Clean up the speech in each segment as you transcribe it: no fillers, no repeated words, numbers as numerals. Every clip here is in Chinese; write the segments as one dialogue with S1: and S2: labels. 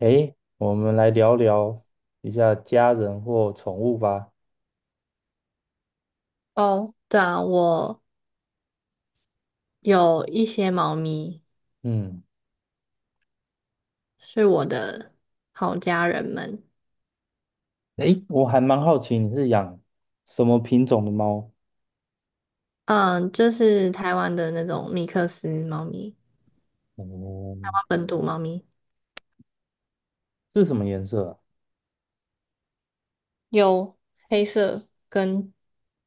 S1: 诶，我们来聊聊一下家人或宠物吧。
S2: 哦，对啊，我有一些猫咪
S1: 嗯，
S2: 是我的好家人们。
S1: 诶，我还蛮好奇你是养什么品种的猫？
S2: 嗯，就是台湾的那种米克斯猫咪，
S1: 哦，
S2: 本土猫咪，
S1: 是什么颜色啊？
S2: 有黑色跟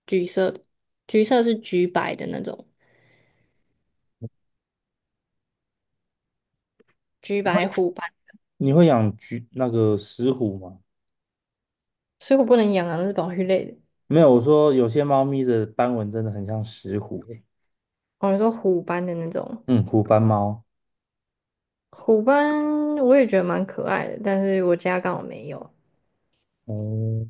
S2: 橘色的，橘色是橘白的那种，橘
S1: 你会
S2: 白虎斑。
S1: 养橘那个石虎吗？
S2: 所以我不能养啊，那是保育类的。
S1: 没有，我说有些猫咪的斑纹真的很像石虎诶。
S2: 我说虎斑的那种，
S1: 嗯，虎斑猫。
S2: 虎斑我也觉得蛮可爱的，但是我家刚好没有。
S1: 哦，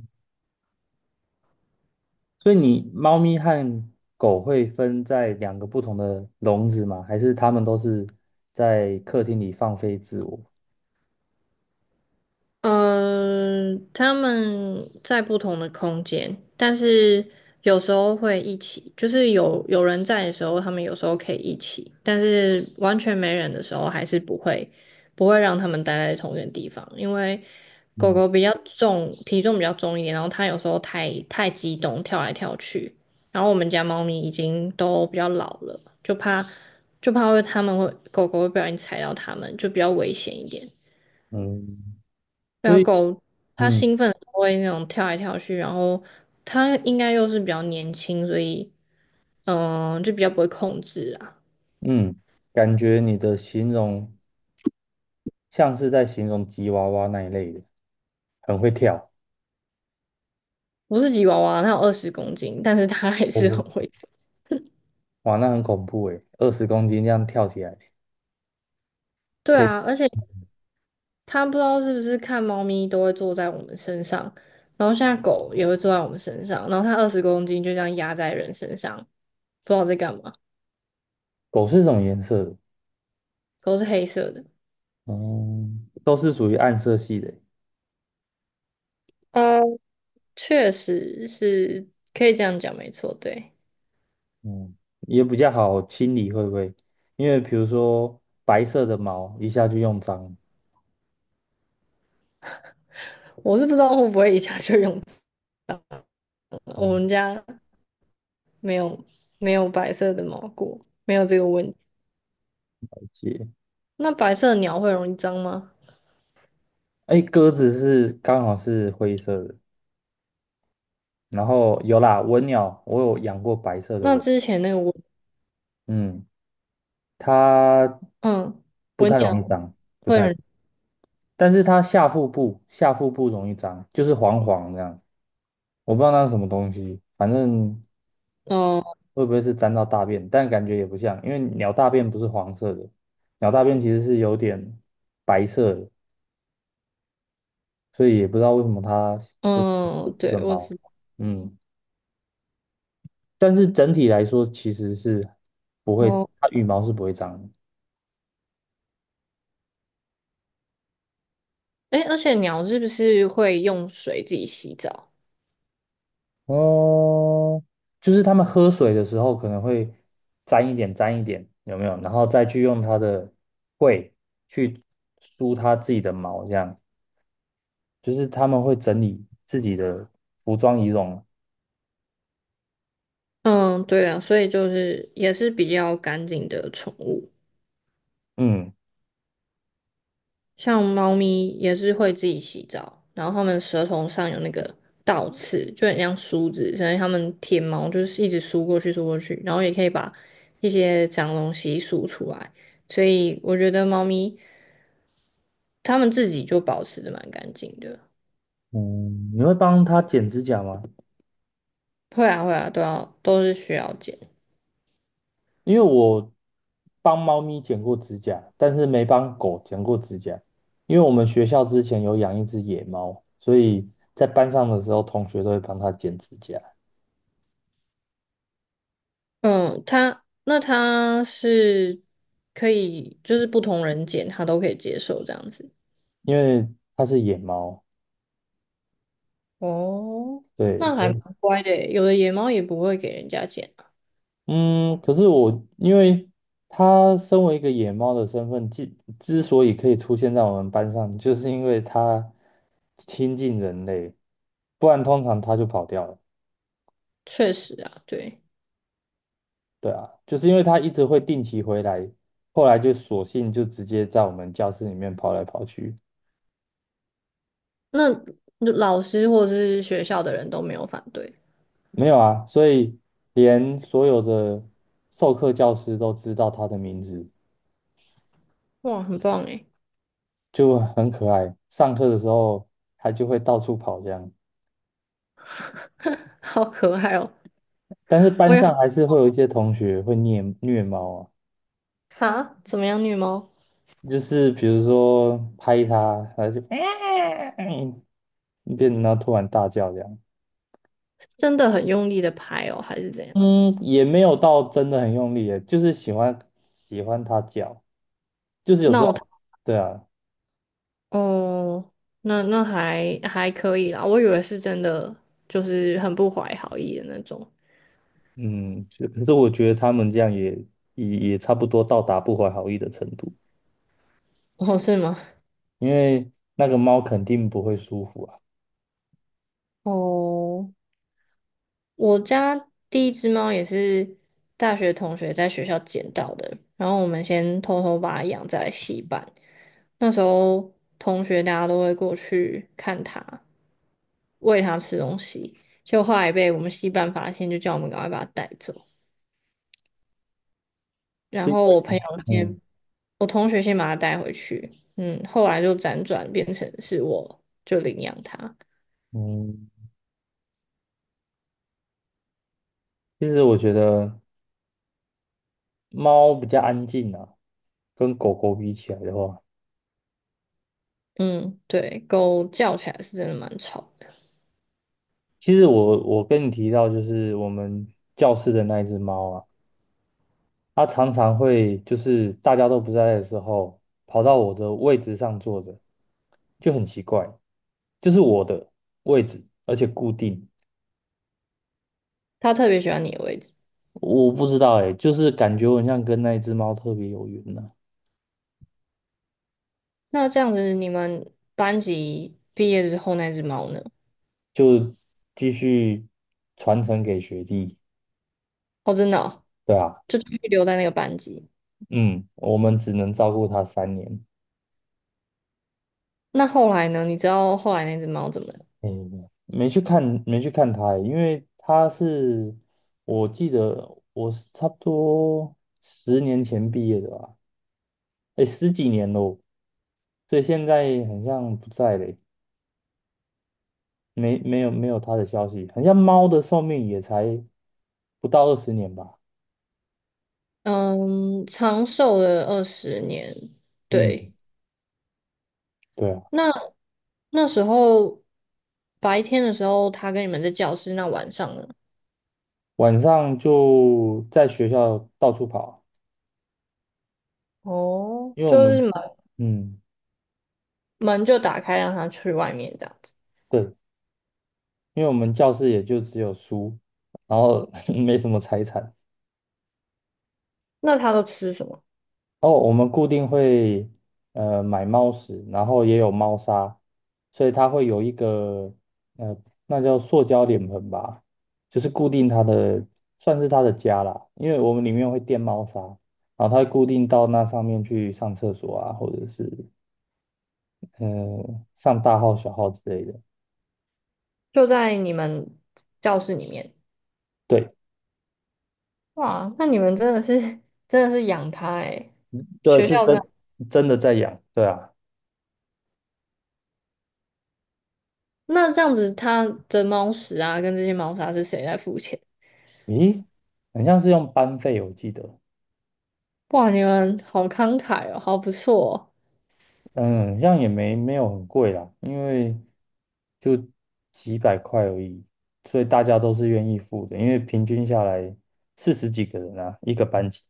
S1: 所以你猫咪和狗会分在两个不同的笼子吗？还是它们都是在客厅里放飞自我？
S2: 嗯，他们在不同的空间，但是有时候会一起，就是有人在的时候，他们有时候可以一起。但是完全没人的时候，还是不会让他们待在同一个地方。因为狗狗
S1: 嗯
S2: 比较重，体重比较重一点，然后它有时候太激动，跳来跳去。然后我们家猫咪已经都比较老了，就怕会它们会狗狗会不小心踩到它们，就比较危险一点。
S1: 嗯。
S2: 对
S1: 所
S2: 啊，
S1: 以。
S2: 狗它
S1: 嗯
S2: 兴奋的时候会那种跳来跳去，然后它应该又是比较年轻，所以就比较不会控制啊。
S1: 嗯，感觉你的形容像是在形容吉娃娃那一类的，很会跳。
S2: 我是吉娃娃，它有二十公斤，但是它还是
S1: 哦，
S2: 很会跳。
S1: 哇，那很恐怖诶，20公斤这样跳起来，
S2: 对
S1: 可以。
S2: 啊，而且它不知道是不是看猫咪都会坐在我们身上，然后现在狗也会坐在我们身上，然后它二十公斤就这样压在人身上，不知道在干嘛。
S1: 狗是什么颜色的？
S2: 狗是黑色的。
S1: 嗯，都是属于暗色系的。
S2: 呃，确实是可以这样讲，没错，对。
S1: 嗯，也比较好清理，会不会？因为比如说白色的毛一下就用脏。
S2: 我是不知道会不会一下就用 我
S1: 哦，
S2: 们家没有没有白色的毛菇，没有这个问题。
S1: 了解。
S2: 那白色的鸟会容易脏吗？
S1: 哎，鸽子是刚好是灰色的，然后有啦，文鸟，我有养过白色的
S2: 那
S1: 文。
S2: 之前那个文，
S1: 嗯。它
S2: 嗯，
S1: 不
S2: 文
S1: 太
S2: 鸟
S1: 容易脏，不
S2: 会
S1: 太，
S2: 很，
S1: 但是它下腹部容易脏，就是黄黄这样，我不知道那是什么东西，反正
S2: 哦，
S1: 会不会是沾到大便，但感觉也不像，因为鸟大便不是黄色的，鸟大便其实是有点白色的，所以也不知道为什么它就是腹
S2: 嗯，
S1: 部的
S2: 对，我
S1: 毛，
S2: 知道。
S1: 嗯，但是整体来说其实是不会，
S2: 哦，
S1: 它羽毛是不会脏的。
S2: 哎，而且鸟是不是会用水自己洗澡？
S1: 哦，就是他们喝水的时候可能会沾一点沾一点，有没有？然后再去用它的喙去梳它自己的毛，这样就是他们会整理自己的服装仪容。
S2: 嗯，对啊，所以就是也是比较干净的宠物。
S1: 嗯
S2: 像猫咪也是会自己洗澡，然后它们舌头上有那个倒刺，就很像梳子，所以它们舔毛就是一直梳过去梳过去，然后也可以把一些脏东西梳出来。所以我觉得猫咪它们自己就保持的蛮干净的。
S1: 嗯，你会帮它剪指甲吗？
S2: 会啊会啊，都是需要剪。
S1: 因为我帮猫咪剪过指甲，但是没帮狗剪过指甲，因为我们学校之前有养一只野猫，所以在班上的时候，同学都会帮它剪指甲。
S2: 嗯，它是可以，就是不同人剪它都可以接受这样子。
S1: 因为它是野猫，
S2: 哦，
S1: 对，
S2: 那还
S1: 所
S2: 蛮
S1: 以
S2: 乖的耶，有的野猫也不会给人家剪。
S1: 嗯，可是我因为它身为一个野猫的身份，之所以可以出现在我们班上，就是因为它亲近人类，不然通常它就跑掉了。
S2: 确实啊，对，
S1: 对啊，就是因为它一直会定期回来，后来就索性就直接在我们教室里面跑来跑去。
S2: 那老师或是学校的人都没有反对？
S1: 没有啊，所以连所有的授课教师都知道它的名字。
S2: 哇，很棒诶。
S1: 就很可爱。上课的时候，它就会到处跑这样，
S2: 好可爱哦！
S1: 但是
S2: 我
S1: 班
S2: 也
S1: 上还是会有一些同学会虐猫啊，
S2: 哈，怎么样，虐猫？
S1: 就是比如说拍它，它就 嗯，变，然后突然大叫这样。
S2: 是真的很用力的拍哦，还是怎样？
S1: 嗯，也没有到真的很用力耶，就是喜欢它叫，就是有这
S2: 闹腾。
S1: 种，对啊，
S2: 哦，那那还还可以啦，我以为是真的，就是很不怀好意的那种。
S1: 嗯，就可是我觉得他们这样也差不多到达不怀好意的程度，
S2: 哦，是吗？
S1: 因为那个猫肯定不会舒服啊。
S2: 哦，我家第一只猫也是大学同学在学校捡到的，然后我们先偷偷把它养在戏班。那时候同学大家都会过去看它，喂它吃东西，就后来被我们戏班发现，就叫我们赶快把它带走。然
S1: 是因
S2: 后我
S1: 为
S2: 朋友
S1: 嗯
S2: 先，我同学先把它带回去。嗯，后来就辗转变成是我就领养它。
S1: 嗯，其实我觉得猫比较安静啊，跟狗狗比起来的话，
S2: 嗯，对，狗叫起来是真的蛮吵的。
S1: 其实我跟你提到就是我们教室的那一只猫啊，它常常会就是大家都不在的时候，跑到我的位置上坐着，就很奇怪，就是我的位置，而且固定。
S2: 它特别喜欢你的位置。
S1: 我不知道哎、就是感觉我很像跟那一只猫特别有缘呢、
S2: 那这样子，你们班级毕业之后那只猫呢？
S1: 就继续传承给学弟。
S2: 哦，真的哦，
S1: 对啊，
S2: 就继续留在那个班级。
S1: 嗯，我们只能照顾它3年。
S2: 那后来呢？你知道后来那只猫怎么了。
S1: 嗯，没去看，没去看他欸，因为他是，我记得我是差不多10年前毕业的吧，哎，十几年喽，所以现在很像不在嘞，没有他的消息，很像猫的寿命也才不到20年吧，
S2: 嗯，长寿了20年。
S1: 嗯，
S2: 对，
S1: 对啊，
S2: 那那时候白天的时候，它跟你们在教室，那晚上呢？
S1: 晚上就在学校到处跑，
S2: 哦，
S1: 因为我
S2: 就是
S1: 们，嗯，
S2: 门就打开，让它去外面这样子。
S1: 对，因为我们教室也就只有书，然后 没什么财产。
S2: 那它都吃什么？
S1: 哦，我们固定会买猫屎，然后也有猫砂，所以它会有一个呃，那叫塑胶脸盆吧，就是固定它的，算是它的家啦。因为我们里面会垫猫砂，然后它会固定到那上面去上厕所啊，或者是嗯、上大号小号之类的。
S2: 就在你们教室里面。
S1: 对，
S2: 哇，那你们真的是养它诶，
S1: 对，
S2: 学校这样。
S1: 真的在养，对啊。
S2: 那这样子，它的猫食啊跟这些猫砂是谁在付钱？
S1: 咦，很像是用班费，我记得。
S2: 哇，你们好慷慨哦，好不错
S1: 嗯，这样也没有很贵啦，因为就几百块而已，所以大家都是愿意付的，因为平均下来四十几个人啊，一个班级。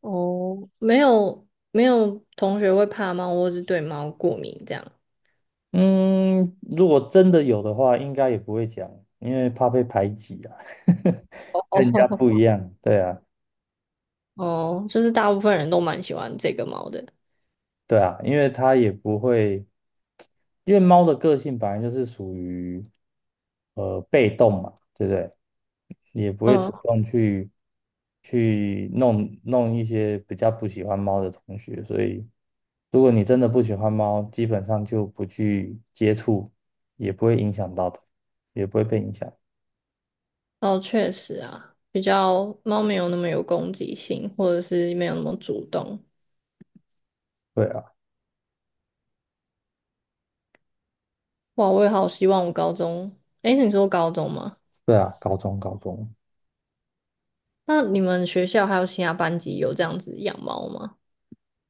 S2: 哦。哦，没有同学会怕猫，或是对猫过敏这样。
S1: 嗯，如果真的有的话，应该也不会讲，因为怕被排挤啊，跟人家不一
S2: 哦，
S1: 样，对啊。
S2: 哦，就是大部分人都蛮喜欢这个猫的。
S1: 对啊，因为它也不会，因为猫的个性本来就是属于被动嘛，对不对？也不会
S2: 嗯，
S1: 主动去弄弄一些比较不喜欢猫的同学，所以如果你真的不喜欢猫，基本上就不去接触，也不会影响到它，也不会被影响。
S2: 哦，确实啊，比较猫没有那么有攻击性，或者是没有那么主动。
S1: 对啊，
S2: 哇，我也好希望我高中，诶，你说高中吗？
S1: 对啊，高中高中，
S2: 那你们学校还有其他班级有这样子养猫吗？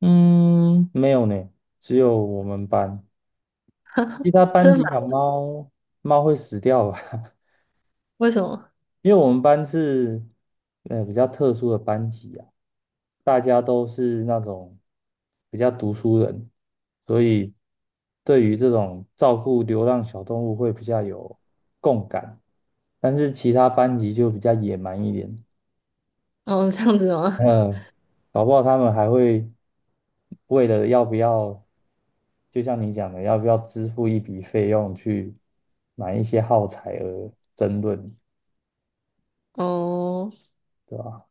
S1: 嗯，没有呢，只有我们班。其他
S2: 真
S1: 班
S2: 的
S1: 级
S2: 吗？
S1: 养猫，猫会死掉吧？
S2: 为什么？
S1: 因为我们班是比较特殊的班级啊，大家都是那种比较读书人，所以对于这种照顾流浪小动物会比较有共感。但是其他班级就比较野蛮一点，
S2: 哦，这样子吗？
S1: 嗯，搞不好他们还会为了要不要，就像你讲的，要不要支付一笔费用去买一些耗材而争论。
S2: 哦，
S1: 对吧？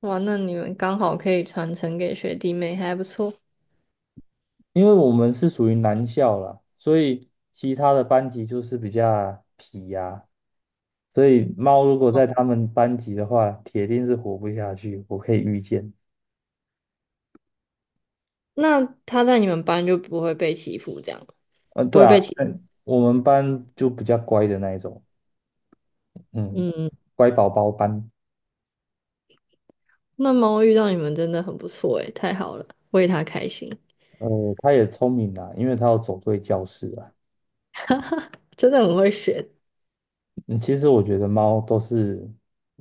S2: 哇，那你们刚好可以传承给学弟妹，还不错。
S1: 因为我们是属于男校啦，所以其他的班级就是比较皮呀、所以猫如果在他们班级的话，铁定是活不下去，我可以预见。
S2: 那他在你们班就不会被欺负，这样
S1: 嗯、
S2: 不
S1: 对
S2: 会
S1: 啊，
S2: 被欺负。
S1: 嗯我们班就比较乖的那一种，嗯，
S2: 嗯，
S1: 乖宝宝班，
S2: 那猫遇到你们真的很不错诶，太好了，为它开心，
S1: 它也聪明啦，因为它要走对教室啊。
S2: 真的很会学。
S1: 嗯，其实我觉得猫都是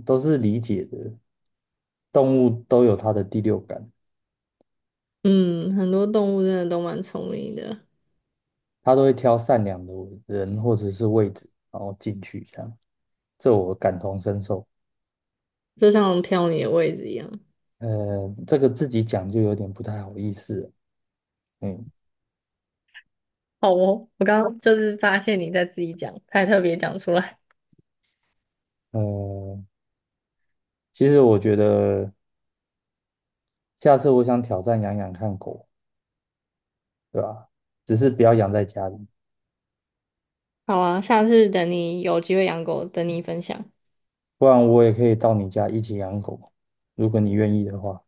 S1: 都是理解的，动物都有它的第六感。
S2: 嗯，很多动物真的都蛮聪明的，
S1: 他都会挑善良的人或者是位置，然后进去这样，这我感同身受。
S2: 就像挑你的位置一样。
S1: 呃，这个自己讲就有点不太好意思了嗯，
S2: 好哦，我刚刚就是发现你在自己讲，才特别讲出来。
S1: 呃，其实我觉得下次我想挑战养养看狗，对吧？只是不要养在家里，
S2: 好啊，下次等你有机会养狗，等你分享。
S1: 不然我也可以到你家一起养狗，如果你愿意的话。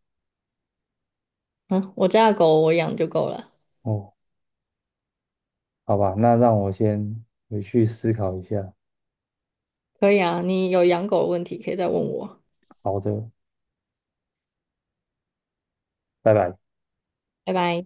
S2: 嗯，我家的狗我养就够了。
S1: 哦，好吧，那让我先回去思考一下。
S2: 可以啊，你有养狗的问题可以再问我。
S1: 好的，拜拜。
S2: 拜拜。